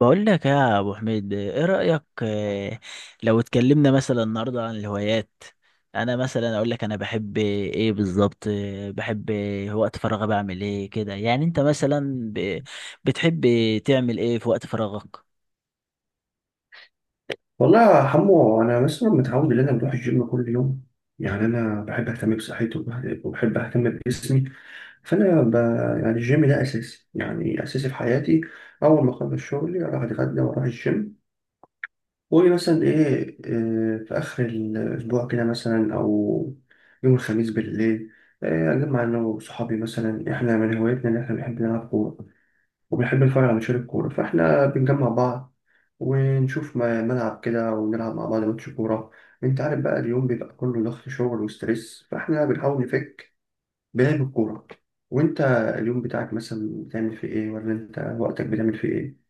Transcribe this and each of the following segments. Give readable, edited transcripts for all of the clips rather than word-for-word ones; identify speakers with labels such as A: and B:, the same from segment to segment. A: بقول لك يا ابو حميد، ايه رايك؟ لو اتكلمنا مثلا النهارده عن الهوايات. انا مثلا اقول لك انا بحب ايه بالظبط؟ بحب وقت فراغي بعمل ايه كده. يعني انت مثلا بتحب تعمل ايه في وقت فراغك؟
B: والله يا حمو، انا مثلا متعود ان انا بروح الجيم كل يوم. يعني انا بحب اهتم بصحتي وبحب اهتم بجسمي. فانا ب... يعني الجيم ده اساسي، يعني اساسي في حياتي. اول ما اخلص شغلي اروح اتغدى واروح الجيم. ومثلا ايه، في اخر الاسبوع كده مثلا، او يوم الخميس بالليل، اجمع انا وصحابي. مثلا احنا من هوايتنا ان احنا بنحب نلعب كوره، وبنحب نتفرج على ماتشات الكورة، فإحنا بنجمع بعض ونشوف ملعب كده ونلعب مع بعض ماتش كورة. أنت عارف بقى، اليوم بيبقى كله ضغط شغل وستريس، فإحنا بنحاول نفك بلعب الكورة. وأنت اليوم بتاعك مثلا بتعمل فيه إيه، ولا أنت وقتك بتعمل فيه إيه؟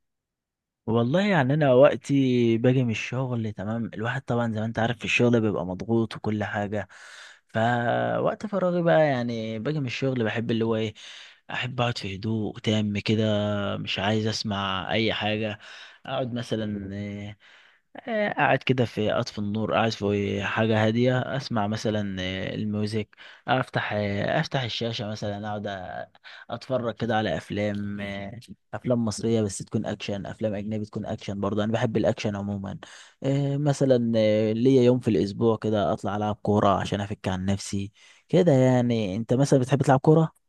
A: والله يعني انا وقتي باجي من الشغل، تمام. الواحد طبعا زي ما انت عارف في الشغل بيبقى مضغوط وكل حاجه. فوقت فراغي بقى يعني، باجي من الشغل بحب اللي هو ايه، احب اقعد في هدوء تام كده. مش عايز اسمع اي حاجه. اقعد مثلا، قاعد كده، في أطفي النور، قاعد في حاجة هادية أسمع مثلا الميوزك. أفتح الشاشة مثلا، أقعد أتفرج كده على أفلام، أفلام مصرية بس تكون أكشن، أفلام أجنبي تكون أكشن برضه، أنا بحب الأكشن عموما. مثلا ليا يوم في الأسبوع كده أطلع ألعب كورة عشان أفك عن نفسي كده. يعني أنت مثلا بتحب تلعب كورة؟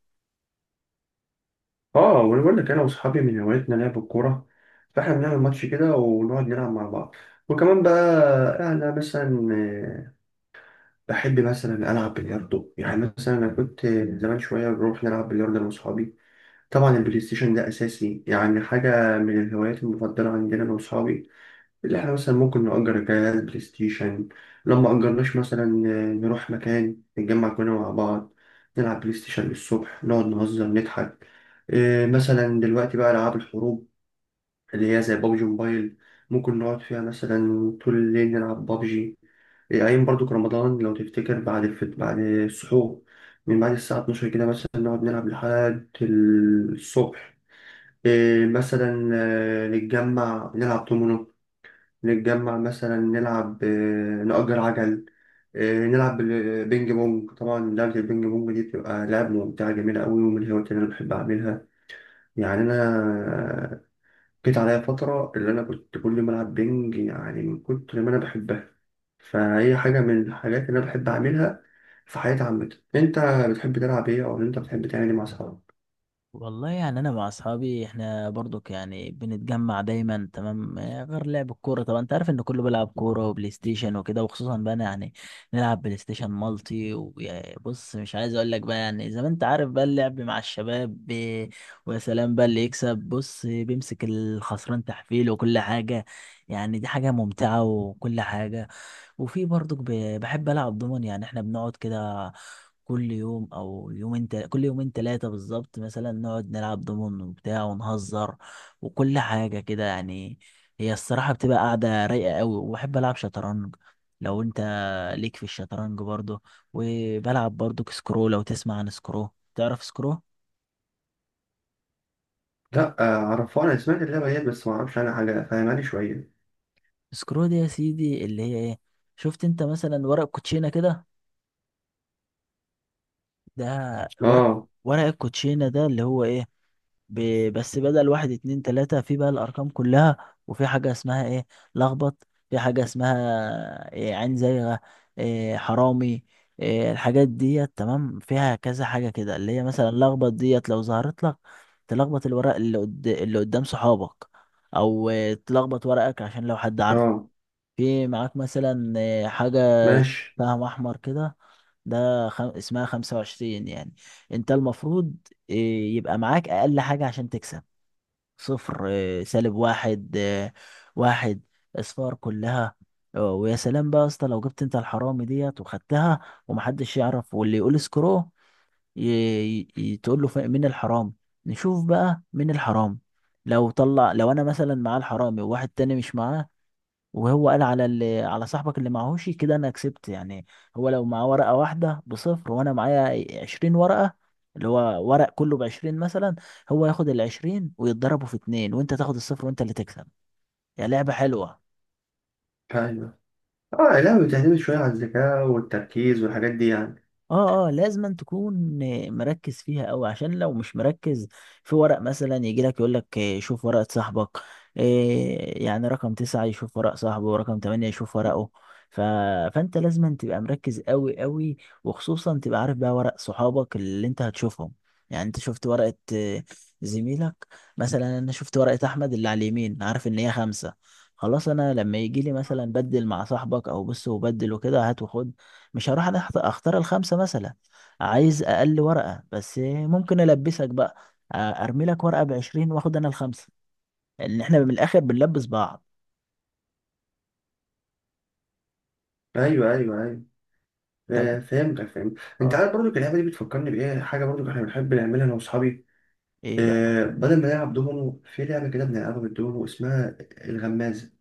B: آه، وأنا بقول لك، أنا وأصحابي من هوايتنا لعب الكورة، فإحنا بنعمل ماتش كده ونقعد نلعب مع بعض. وكمان بقى أنا مثلا، بحب مثلا ألعب بلياردو. يعني مثلا أنا كنت زمان شوية بروح نلعب بلياردو أنا وأصحابي. طبعا البلاي ستيشن ده أساسي، يعني حاجة من الهوايات المفضلة عندنا أنا وأصحابي. اللي إحنا مثلا ممكن نأجر جهاز بلاي ستيشن، لما أجرناش مثلا نروح مكان نتجمع كلنا مع بعض، نلعب بلاي ستيشن للصبح، نقعد نهزر نضحك. إيه مثلا دلوقتي بقى ألعاب الحروب، اللي هي زي بابجي موبايل، ممكن نقعد فيها مثلا طول الليل نلعب بابجي. إيه، أيام برضو في رمضان لو تفتكر بعد بعد السحور، من بعد الساعة 12 كده مثلا، نقعد نلعب لحد الصبح. إيه مثلا، نتجمع نلعب دومينو، نتجمع مثلا نلعب، نأجر عجل، نلعب بينج بونج. طبعا لعبة البينج بونج دي بتبقى لعبة ممتعة جميلة أوي، ومن الهوايات اللي أنا بحب أعملها. يعني أنا جيت عليا فترة اللي أنا كنت كل ما ألعب بينج، يعني من كتر ما أنا بحبها، فهي حاجة من الحاجات اللي أنا بحب أعملها في حياتي عامة. أنت بتحب تلعب إيه، أو أنت بتحب تعمل إيه مع أصحابك؟
A: والله يعني انا مع اصحابي احنا برضك يعني بنتجمع دايما، تمام. غير لعب الكوره طبعا، انت عارف ان كله بيلعب كوره وبلاي ستيشن وكده. وخصوصا بقى أنا يعني نلعب بلاي ستيشن مالتي. وبص مش عايز اقول لك بقى، يعني زي ما انت عارف بقى اللعب مع الشباب ويا سلام بقى اللي يكسب بص بيمسك الخسران تحفيل وكل حاجه. يعني دي حاجه ممتعه وكل حاجه. وفي برضك بحب العب دومن، يعني احنا بنقعد كده كل يوم او يومين، كل يومين ثلاثة بالظبط مثلا نقعد نلعب دومن وبتاع ونهزر وكل حاجة كده يعني. هي الصراحة بتبقى قاعدة رايقة قوي. وبحب العب شطرنج، لو انت ليك في الشطرنج برضه. وبلعب برضه سكرو، لو تسمع عن سكرو. تعرف سكرو؟
B: لأ، عرفوها، أنا سمعت اللعبة ديت بس معرفش عنها حاجة، فاهماني شوية.
A: سكرو دي يا سيدي اللي هي ايه، شفت انت مثلا ورق كوتشينة كده؟ ده ورق،
B: اه.
A: ورق الكوتشينة ده اللي هو ايه، بس بدل واحد اتنين تلاتة في بقى الأرقام كلها. وفي حاجة اسمها ايه، لخبط. في حاجة اسمها إيه، عين زيغة. إيه، حرامي. إيه الحاجات ديت. تمام، فيها كذا حاجة كده، اللي هي مثلا لخبط، ديت لو ظهرت لك تلخبط الورق اللي اللي قدام صحابك. أو إيه، تلخبط ورقك عشان لو حد عارفه.
B: اه.
A: في معاك مثلا حاجة
B: ماشي.
A: سهم أحمر كده، ده اسمها 25 يعني. أنت المفروض آه، يبقى معاك أقل حاجة عشان تكسب: صفر، سالب واحد، واحد، أصفار كلها. ويا سلام بقى يا اسطى لو جبت أنت الحرامي ديت وخدتها ومحدش يعرف واللي يقول سكرو ي... تقول له مين الحرام. نشوف بقى مين الحرام. لو طلع، لو أنا مثلا معاه الحرامي وواحد تاني مش معاه، وهو قال على اللي، على صاحبك اللي معهوش كده، انا كسبت يعني. هو لو معاه ورقة واحدة بصفر وانا معايا 20 ورقة، اللي هو ورق كله ب20 مثلا، هو ياخد الـ20 ويتضربوا في اتنين، وانت تاخد الصفر وانت اللي تكسب. يعني لعبة حلوة.
B: ايوه. اه، لا بتعتمد شويه على الذكاء والتركيز والحاجات دي يعني.
A: اه، اه، لازم أن تكون مركز فيها قوي. عشان لو مش مركز، في ورق مثلا يجي لك يقول لك شوف ورقة صاحبك. إيه، يعني رقم تسعة يشوف ورق صاحبه، ورقم تمانية يشوف ورقه. ف... فانت لازم أن تبقى مركز قوي قوي. وخصوصا تبقى عارف بقى ورق صحابك اللي انت هتشوفهم. يعني انت شفت ورقة زميلك، مثلا انا شفت ورقة احمد اللي على اليمين، عارف ان هي خمسة. خلاص انا لما يجي لي مثلا بدل مع صاحبك او بص، وبدل وكده هات وخد، مش هروح انا اختار الخمسه مثلا. عايز اقل ورقه، بس ممكن البسك بقى. آه، ارمي لك ورقه ب 20 واخد انا الخمسه. ان احنا من الاخر بنلبس بعض.
B: ايوه، ايوه، ايوه.
A: طب،
B: آه، فهمتك. فهمت. انت
A: اه،
B: عارف برضو اللعبه دي بتفكرني بايه؟ حاجه برضو احنا بنحب نعملها انا واصحابي.
A: ايه بقى؟
B: آه، بدل ما نلعب دومينو، في لعبه كده بنلعبها بالدومينو اسمها الغمازه.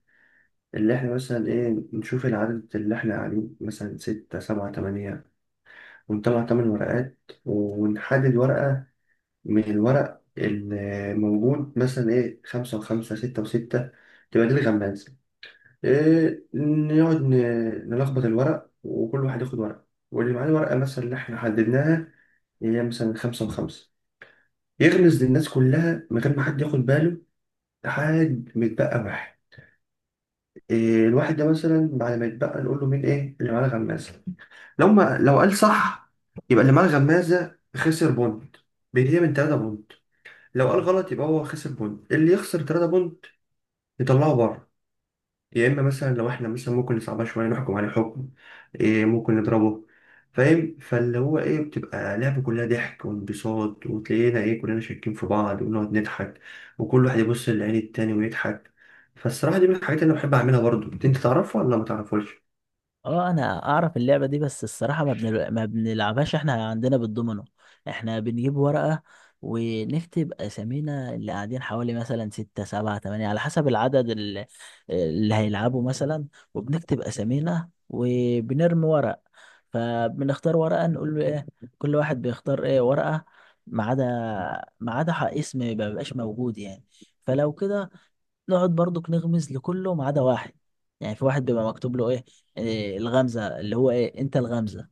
B: اللي احنا مثلا ايه، نشوف العدد اللي احنا قاعدين مثلا ستة سبعة تمانية، ونطلع تمن ورقات، ونحدد ورقة من الورق الموجود، مثلا ايه، خمسة وخمسة، ستة وستة، تبقى دي الغمازة. إيه، نقعد نلخبط الورق، وكل واحد ياخد ورق، واللي معاه الورقة مثلا اللي احنا حددناها، هي مثلا خمسة وخمسة، يغمز للناس كلها من غير ما حد ياخد باله، لحد ما يتبقى واحد. إيه، الواحد ده مثلا بعد ما يتبقى نقول له مين ايه اللي معاه الغمازة. لو ما لو قال صح، يبقى اللي معاه الغمازة خسر بوند، بيتهيأ من تلاتة بوند. لو قال
A: آه.
B: غلط يبقى هو خسر بونت، اللي يخسر 3 بونت يطلعه بره. يا اما مثلا لو احنا مثلا ممكن نصعبها شويه، نحكم عليه حكم، إيه، ممكن نضربه. فاهم؟ فاللي هو ايه، بتبقى لعبة كلها ضحك وانبساط، وتلاقينا ايه، كلنا شاكين في بعض ونقعد نضحك، وكل واحد يبص لعين التاني ويضحك. فالصراحة دي من الحاجات اللي انا بحب اعملها. برضو انت تعرفها ولا ما تعرفوش؟
A: اه انا اعرف اللعبه دي بس الصراحه ما بنلعبهاش. احنا عندنا بالدومينو، احنا بنجيب ورقه ونكتب اسامينا اللي قاعدين حوالي مثلا ستة سبعة تمانية على حسب العدد اللي، اللي هيلعبوا مثلا. وبنكتب اسامينا وبنرمي ورق، فبنختار ورقه نقول له ايه، كل واحد بيختار ايه ورقه، ما عدا اسم ما بيبقاش موجود يعني. فلو كده نقعد برضك نغمز لكله ما عدا واحد. يعني في واحد بيبقى مكتوب له ايه، إيه، الغمزة، اللي هو ايه، انت الغمزة.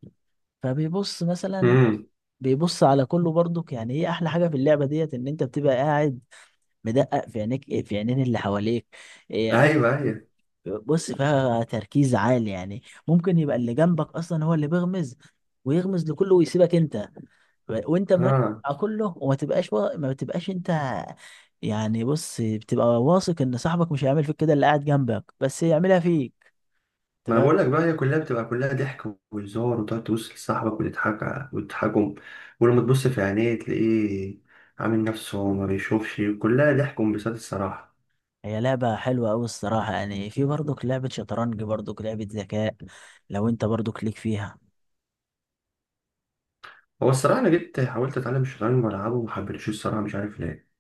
A: فبيبص مثلا،
B: امم.
A: بيبص على كله برضك. يعني ايه احلى حاجة في اللعبة ديت، ان انت بتبقى قاعد مدقق في عينيك، في عينين اللي حواليك. إيه، عايز،
B: ايوه، ايوه.
A: بص فيها تركيز عالي يعني. ممكن يبقى اللي جنبك اصلا هو اللي بيغمز، ويغمز لكله ويسيبك انت، وانت مركز
B: اه،
A: على كله، وما تبقاش ما بتبقاش انت. يعني بص، بتبقى واثق ان صاحبك مش هيعمل فيك كده، اللي قاعد جنبك بس يعملها فيك. انت
B: ما انا
A: فاهم؟
B: بقول لك بقى، هي كلها بتبقى كلها ضحك وهزار، وتقعد تبص لصاحبك وتضحك، وتضحكهم. ولما تبص في عينيه تلاقيه عامل نفسه ما بيشوفش، كلها ضحك وانبساط الصراحة.
A: هي لعبة حلوة أوي الصراحة يعني. في برضك لعبة شطرنج، برضك لعبة ذكاء، لو أنت برضك ليك فيها.
B: هو الصراحة انا جيت حاولت اتعلم الشطرنج والعبه وما حبيتش، الصراحة مش عارف ليه.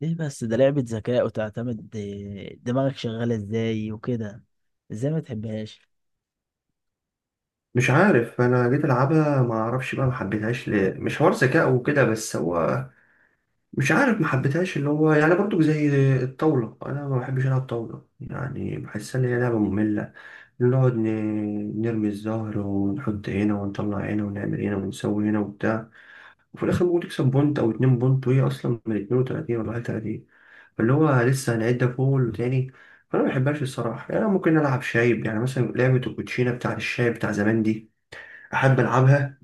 A: ليه بس؟ ده لعبة ذكاء، وتعتمد دماغك شغالة ازاي وكده، ازاي ما تحبهاش؟
B: مش عارف، انا جيت العبها ما اعرفش بقى، ما حبيتهاش ليه، مش حوار ذكاء وكده بس، هو مش عارف. ما حبيتهاش، اللي هو يعني برضو زي الطاولة، انا ما بحبش العب طاولة، يعني بحسها ان هي لعبة مملة. نقعد نرمي الزهر، ونحط هنا ونطلع هنا ونعمل هنا ونسوي هنا وبتاع، وفي الآخر ممكن تكسب بونت أو اتنين بونت، وهي أصلا من اتنين وتلاتين، ولا حاجة تلاتين، فاللي هو لسه هنعدها فول وتاني. فأنا ما بحبهاش الصراحة. يعني أنا ممكن ألعب شايب، يعني مثلا لعبة الكوتشينة بتاع الشايب بتاع زمان دي أحب ألعبها.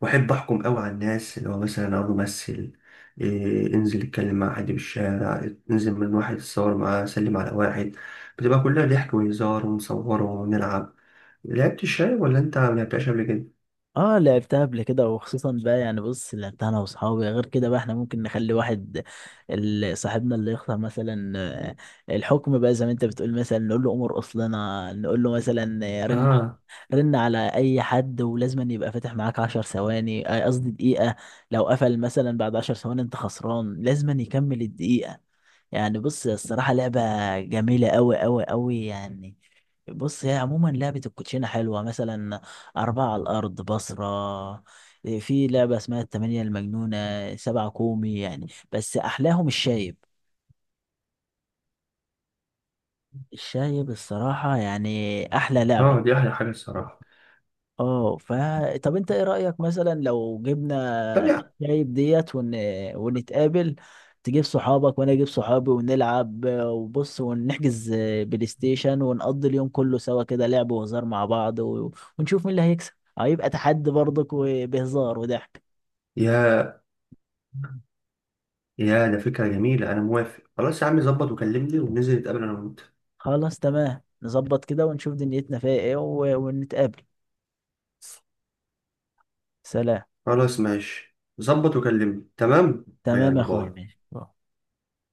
B: وأحب أحكم أوي على الناس، اللي هو مثلا أقول له مثل إيه، انزل اتكلم مع حد في الشارع، انزل من واحد اتصور معاه، سلم على واحد. بتبقى كلها ضحك وهزار، ونصوره ونلعب. لعبت الشاي ولا انت ما لعبتهاش قبل كده؟
A: اه لعبتها قبل كده. وخصوصا بقى يعني بص لعبتها انا واصحابي غير كده بقى، احنا ممكن نخلي واحد صاحبنا اللي يختار مثلا الحكم بقى زي ما انت بتقول. مثلا نقول له امر، اصلنا نقول له مثلا رن.
B: اه.
A: رن على اي حد، ولازم أن يبقى فاتح معاك 10 ثواني، قصدي دقيقة. لو قفل مثلا بعد 10 ثواني، انت خسران. لازم أن يكمل الدقيقة. يعني بص الصراحة لعبة جميلة أوي أوي أوي يعني. بص هي عموما لعبة الكوتشينة حلوة. مثلا أربعة على الأرض بصرة، في لعبة اسمها التمانية المجنونة، سبعة كومي يعني، بس أحلاهم الشايب. الشايب الصراحة يعني أحلى لعبة.
B: اه، دي احلى حاجه الصراحه.
A: اه، ف، طب انت ايه رأيك مثلا لو
B: طب،
A: جبنا شايب ديت ونتقابل؟ تجيب صحابك وانا اجيب صحابي ونلعب وبص، ونحجز بلاي ستيشن، ونقضي اليوم كله سوا كده لعب وهزار مع بعض ونشوف مين اللي هيكسب. هيبقى تحدي برضك وبهزار وضحك.
B: يا يا ده فكره جميله، انا موافق. خلاص يا عم، ظبط وكلمني، وننزل نتقابل انا وانت.
A: خلاص تمام، نظبط كده ونشوف دنيتنا فيها ايه ونتقابل. سلام.
B: خلاص ماشي، ظبط وكلمني، تمام.
A: تمام يا
B: يلا
A: اخويا،
B: باي.
A: ماشي.